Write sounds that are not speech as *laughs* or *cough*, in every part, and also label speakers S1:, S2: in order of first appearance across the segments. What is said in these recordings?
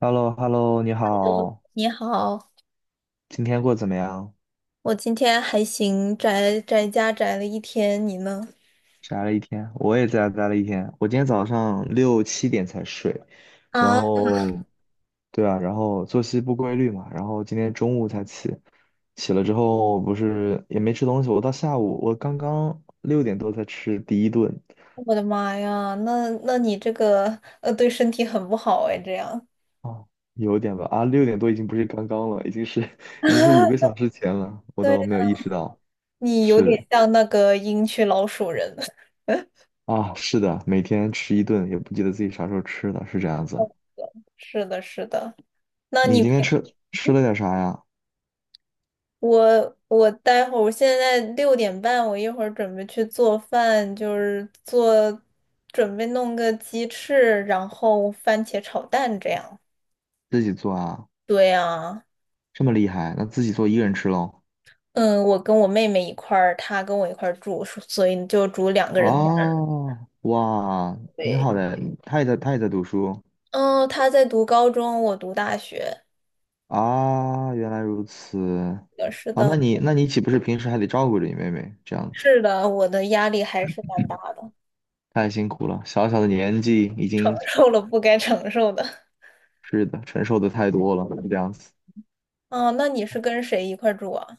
S1: h e l l o h e l l o 你好，
S2: 你好，
S1: 今天过得怎么样？
S2: 我今天还行，宅宅家宅了一天，你呢？
S1: 宅了一天，我也在家待了一天。我今天早上6、7点才睡，然
S2: 啊，
S1: 后，对啊，然后作息不规律嘛，然后今天中午才起，起了之后不是也没吃东西，我到下午我刚刚六点多才吃第一顿。
S2: 我的妈呀，那你这个对身体很不好哎，这样。
S1: 哦，有点吧。啊，六点多已经不是刚刚了，已经是 *laughs* 已经是五个
S2: *laughs*
S1: 小时前了，我都没有
S2: 对，
S1: 意识到，
S2: 你有点
S1: 是。
S2: 像那个鹰区老鼠人。*laughs*
S1: 啊，是的，每天吃一顿，也不记得自己啥时候吃的，是这样子。
S2: 是的，是的。那
S1: 你
S2: 你
S1: 今
S2: 平
S1: 天吃了点啥呀？
S2: 我待会儿，我现在6:30，我一会儿准备去做饭，就是做准备弄个鸡翅，然后番茄炒蛋这样。
S1: 自己做啊？
S2: 对呀。
S1: 这么厉害，那自己做一个人吃喽？
S2: 嗯，我跟我妹妹一块儿，她跟我一块儿住，所以就住两个
S1: 嗯
S2: 人。
S1: 哦，哇，挺
S2: 对，
S1: 好的。他也在，他也在读书
S2: 嗯，她在读高中，我读大学。
S1: 啊。原来如此
S2: 是
S1: 啊，那
S2: 的，
S1: 你那你岂不是平时还得照顾着你妹妹这样子？
S2: 是的，我的压力还是蛮大的。*laughs*
S1: 太辛苦了，小小的年纪已
S2: 承
S1: 经
S2: 受了不该承受的。
S1: 是的，承受的太多了这样子。
S2: *laughs* 哦，那你是跟谁一块儿住啊？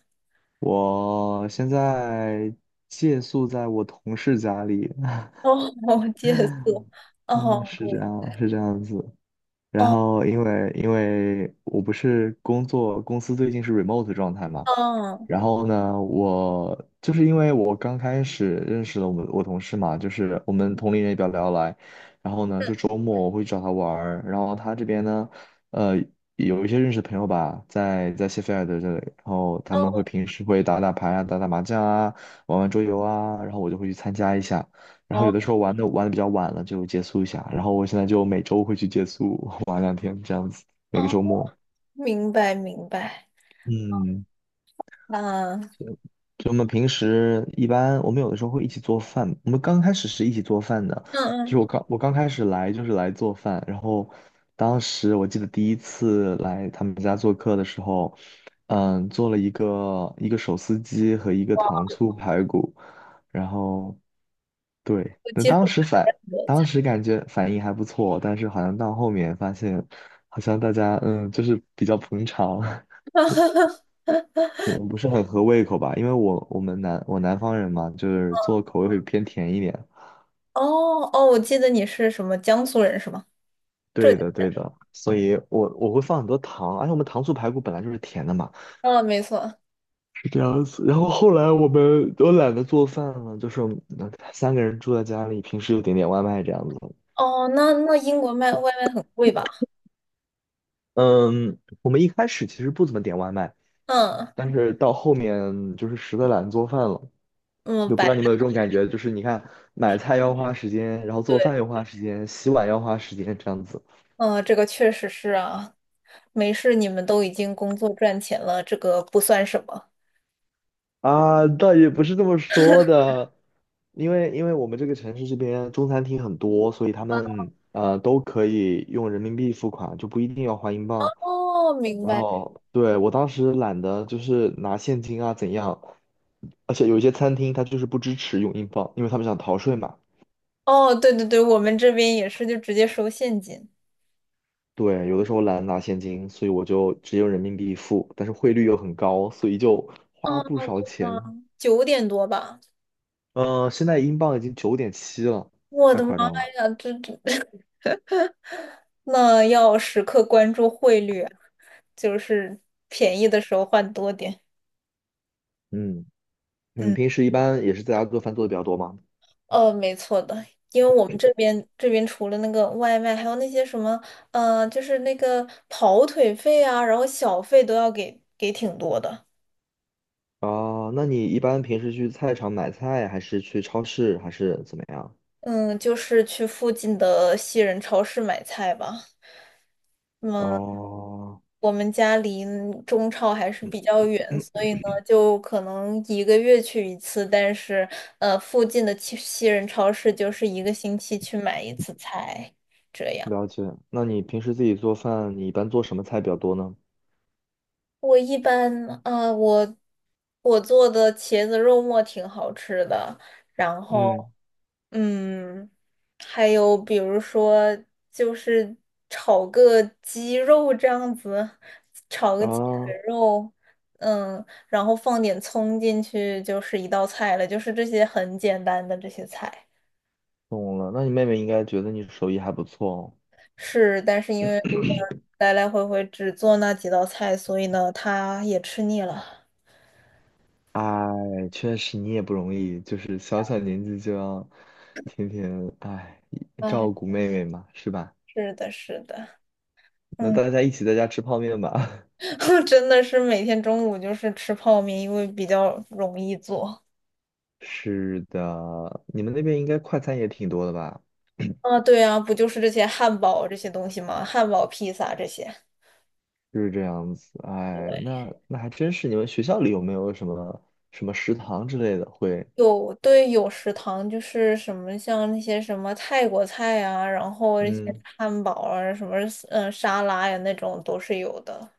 S1: 我现在借宿在我同事家里，
S2: 哦，*laughs* 借宿。
S1: *laughs* 嗯，
S2: 哦，
S1: 是这
S2: 对，
S1: 样，是这样子。然
S2: 哦，
S1: 后因为我不是工作公司最近是 remote 状态嘛，
S2: 哦，
S1: 然后呢，我就是因为我刚开始认识了我同事嘛，就是我们同龄人也比较聊得来，然后呢，就周末我会找他玩儿，然后他这边呢，呃，有一些认识的朋友吧，在谢菲尔德这里，然后他们会
S2: 哦，
S1: 平时会打打牌啊，打打麻将啊，玩玩桌游啊，然后我就会去参加一下。然后有
S2: 哦，
S1: 的时候玩的比较晚了就结束一下，然后我现在就每周会去结束 *laughs* 玩2天这样子，每个
S2: 哦，
S1: 周末。
S2: 明白，明白。
S1: 嗯，
S2: 啊，嗯
S1: 就就我们平时一般我们有的时候会一起做饭，我们刚开始是一起做饭的，就是
S2: 嗯，
S1: 我刚开始来就是来做饭，然后当时我记得第一次来他们家做客的时候，做了一个手撕鸡和一个糖醋排骨，然后。对，
S2: 我
S1: 那
S2: 接触
S1: 当时反，
S2: 很多
S1: 当
S2: 菜。
S1: 时感觉反应还不错，但是好像到后面发现，好像大家就是比较捧场，*laughs* 可能不是很合胃口吧。因为我南方人嘛，就是做口味会偏甜一点。
S2: 哦哦，我记得你是什么江苏人是吗？浙
S1: 对的，
S2: 江。
S1: 对的，所以我会放很多糖，而且我们糖醋排骨本来就是甜的嘛，
S2: 啊，没错。
S1: 是这样子。然后后来我们都懒得做饭了，就是我们3个人住在家里，平时就点点外卖这样子。
S2: 哦，那英国卖外卖很贵吧？
S1: 嗯，我们一开始其实不怎么点外卖。
S2: 嗯
S1: 但是到后面就是实在懒得做饭了，
S2: 嗯，
S1: 就不知道你们有这种感觉，就是你看买菜要花时间，然后做
S2: 对，
S1: 饭要花时间，洗碗要花时间，这样子
S2: 嗯，这个确实是啊。没事，你们都已经工作赚钱了，这个不算什么。
S1: 啊，倒也不是这么说的，因为我们这个城市这边中餐厅很多，所以他们都可以用人民币付款，就不一定要花英镑。
S2: 哦，明
S1: 然
S2: 白。
S1: 后对我当时懒得就是拿现金啊怎样，而且有一些餐厅它就是不支持用英镑，因为他们想逃税嘛。
S2: 哦，对对对，我们这边也是，就直接收现金。
S1: 对，有的时候懒得拿现金，所以我就只有人民币付，但是汇率又很高，所以就花
S2: 嗯
S1: 不少钱。
S2: 嗯，九点多吧。
S1: 现在英镑已经9.7了，
S2: 我
S1: 太
S2: 的妈
S1: 夸张了。
S2: 呀，这 *laughs* 那要时刻关注汇率啊，就是便宜的时候换多点。
S1: 嗯，你们
S2: 嗯。
S1: 平时一般也是在家做饭做的比较多吗？
S2: 没错的，因为我们这边除了那个外卖，还有那些什么，就是那个跑腿费啊，然后小费都要给挺多的。
S1: 啊、那你一般平时去菜场买菜，还是去超市，还是怎么样？
S2: 嗯，就是去附近的西人超市买菜吧。嗯，
S1: 哦，
S2: 我们家离中超还是比较远，所以呢，就可能一个月去一次，但是附近的西人超市就是一个星期去买一次菜。这样。
S1: 了解。那你平时自己做饭，你一般做什么菜比较多呢？
S2: 我一般啊、我我做的茄子肉末挺好吃的，然
S1: 嗯，
S2: 后嗯，还有比如说就是炒个鸡肉这样子，
S1: 啊，
S2: 卷肉，然后放点葱进去就是一道菜了，就是这些很简单的这些菜。
S1: 懂了。那你妹妹应该觉得你手艺还不错哦。
S2: 是，但是因为如果来来回回只做那几道菜，所以呢，他也吃腻了。
S1: 哎，确实你也不容易，就是小小年纪就要天天
S2: 哎，
S1: 照顾妹妹嘛，是吧？
S2: 是的，是的。
S1: 那
S2: 嗯。
S1: 大家一起在家吃泡面吧。
S2: *laughs* 真的是每天中午就是吃泡面，因为比较容易做。
S1: *laughs* 是的，你们那边应该快餐也挺多的吧？
S2: 啊，对啊，不就是这些汉堡这些东西吗？汉堡、披萨这些。
S1: 就是这样子。哎，那还真是，你们学校里有没有什么食堂之类的会？
S2: 有，对，有食堂就是什么像那些什么泰国菜啊，然后一些
S1: 嗯
S2: 汉堡啊，什么沙拉呀那种都是有的。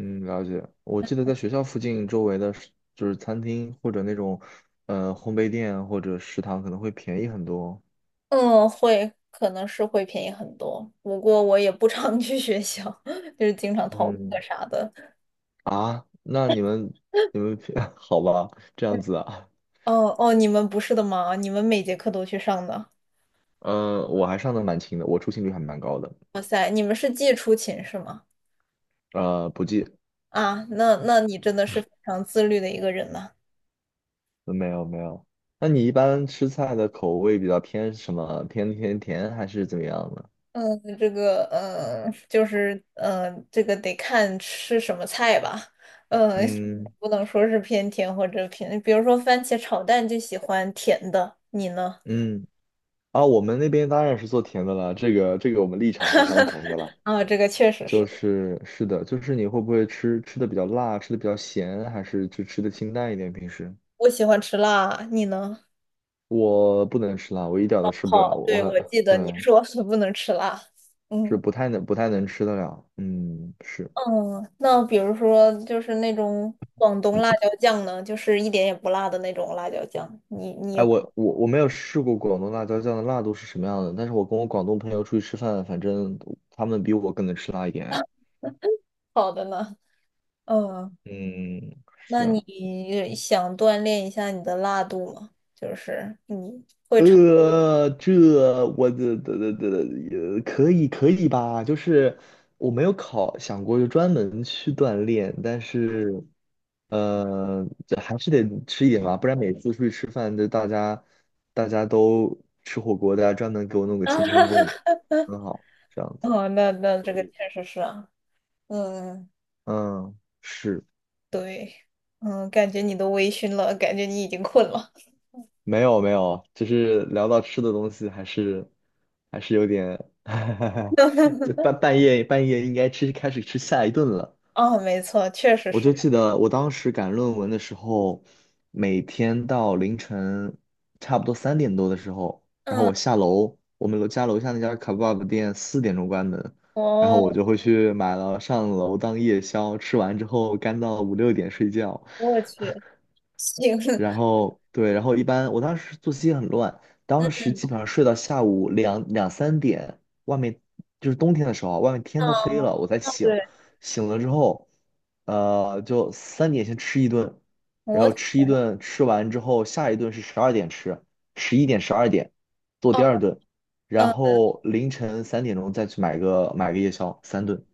S1: 嗯，了解。我记得在学校附近周围的就是餐厅或者那种烘焙店或者食堂可能会便宜很多。
S2: 嗯，会，可能是会便宜很多，不过我也不常 *laughs* 去学校，*laughs* 就是经常逃课
S1: 嗯，
S2: 啥的。
S1: 啊，那你们 *laughs* 好吧，这样子啊，
S2: 哦哦，你们不是的吗？你们每节课都去上的？
S1: 我还上的蛮勤的，我出勤率还蛮高的，
S2: 你们是寄出勤是吗？
S1: 呃，不记，
S2: 啊，那你真的是非常自律的一个人呐。
S1: 呃没有没有。那你一般吃菜的口味比较偏什么？偏甜甜还是怎么样呢？
S2: 嗯，这个，就是这个得看吃什么菜吧。嗯，
S1: 嗯
S2: 不能说是偏甜或者偏，比如说番茄炒蛋就喜欢甜的，你呢？
S1: 嗯，啊，我们那边当然是做甜的了，这个我们立场是相同的了，
S2: 啊，这个确实
S1: 就
S2: 是，
S1: 是是的，就是你会不会吃的比较辣，吃的比较咸，还是就吃的清淡一点？平时
S2: 我喜欢吃辣，你呢？
S1: 我不能吃辣，我一点儿都吃不了，
S2: 好，
S1: 我
S2: 对，我
S1: 很
S2: 记
S1: *laughs*
S2: 得你
S1: 对。
S2: 说是 *laughs* 不能吃辣。
S1: 是
S2: 嗯
S1: 不太能吃得了。嗯，是。
S2: 嗯，那比如说就是那种广东辣椒酱呢，就是一点也不辣的那种辣椒酱，你也
S1: 哎，
S2: 不
S1: 我没有试过广东辣椒酱的辣度是什么样的，但是我跟我广东朋友出去吃饭，反正他们比我更能吃辣一点。哎
S2: *laughs* 好的呢。嗯，
S1: 嗯，
S2: 那
S1: 是啊。
S2: 你想锻炼一下你的辣度吗？就是你，
S1: 呃，这我的的的的，呃，可以可以吧？就是我没有想过就专门去锻炼，但是这还是得吃一点吧，不然每次出去吃饭，就大家都吃火锅，大家专门给我弄个清汤锅也
S2: *laughs*
S1: 很好，这样子。
S2: 哦，那这个确实是啊，嗯，
S1: 嗯，是，
S2: 对，嗯，感觉你都微醺了，感觉你已经困了。
S1: 没有没有，就是聊到吃的东西，还是有点，*laughs* 这半夜应该开始吃下一顿了。
S2: 啊，没错，确实
S1: 我就
S2: 是。
S1: 记得我当时赶论文的时候，每天到凌晨差不多3点多的时候，然后
S2: 嗯，
S1: 我下楼，我们楼下那家卡 EBA 店4点钟关门，然后我
S2: 哦，
S1: 就会去买了上楼当夜宵，吃完之后干到5、6点睡觉，
S2: 我去，行，
S1: 然
S2: *laughs*
S1: 后对，然后一般我当时作息很乱，当时基本上睡到下午两三点，外面就是冬天的时候啊，外面天都黑
S2: 嗯，
S1: 了，我才醒。
S2: 对，
S1: 醒了之后，就三点先吃一顿，然
S2: 我
S1: 后吃一顿，吃完之后下一顿是十二点吃，11点十二点做第
S2: 哦，
S1: 二顿，然
S2: 嗯
S1: 后凌晨3点钟再去买个夜宵，3顿，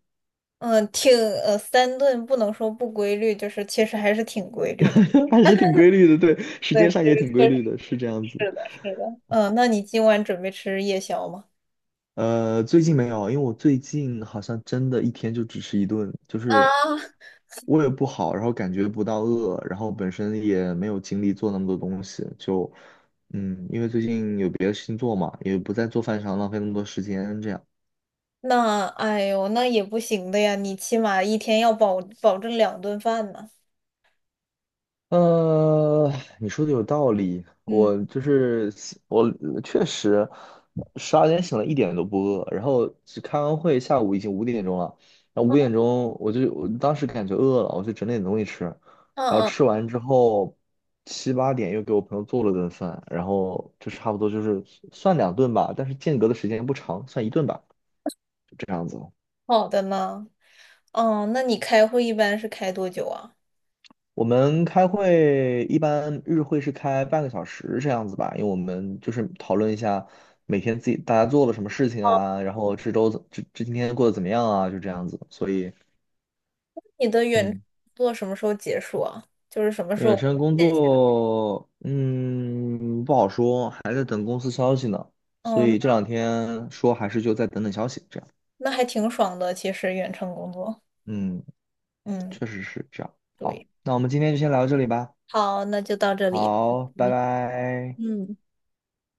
S2: 嗯，三顿不能说不规律，就是其实还是挺规律的。
S1: *laughs* 还是挺规律的，对，时
S2: 对，
S1: 间上
S2: 这
S1: 也
S2: 个
S1: 挺规
S2: 确实
S1: 律的，是这样子。
S2: 是的，是的。嗯，那你今晚准备吃夜宵吗？
S1: 最近没有，因为我最近好像真的一天就只吃一顿，就
S2: 啊，
S1: 是胃不好，然后感觉不到饿，然后本身也没有精力做那么多东西，就因为最近有别的事情做嘛，也不在做饭上浪费那么多时间，这样。
S2: 那哎呦，那也不行的呀，你起码一天要保证两顿饭呢。
S1: 呃，你说的有道理，
S2: 嗯，
S1: 我就是我确实十二点醒了，一点都不饿，然后只开完会，下午已经五点钟了，然后五点钟我当时感觉饿了，我就整点东西吃，然后
S2: 嗯
S1: 吃
S2: 嗯，
S1: 完之后7、8点又给我朋友做了顿饭，然后就差不多就是算2顿吧，但是间隔的时间不长，算一顿吧，就这样子。
S2: 好的呢。哦，那你开会一般是开多久啊？
S1: 我们开会一般日会是开半个小时这样子吧，因为我们就是讨论一下每天自己大家做了什么事情
S2: 哦，
S1: 啊，然后这周怎这这今天过得怎么样啊，就这样子。所以，
S2: 你的远
S1: 嗯，
S2: 做什么时候结束啊？就是什么时
S1: 远
S2: 候？
S1: 程工作，嗯，不好说，还在等公司消息呢。所
S2: 哦，
S1: 以
S2: 那
S1: 这两天说还是就再等等消息，这样。
S2: 那还挺爽的，其实远程工作。
S1: 嗯，
S2: 嗯，
S1: 确实是这样。好，
S2: 对。
S1: 那我们今天就先聊到这里吧。
S2: 好，那就到这里。
S1: 好，拜拜。
S2: 嗯。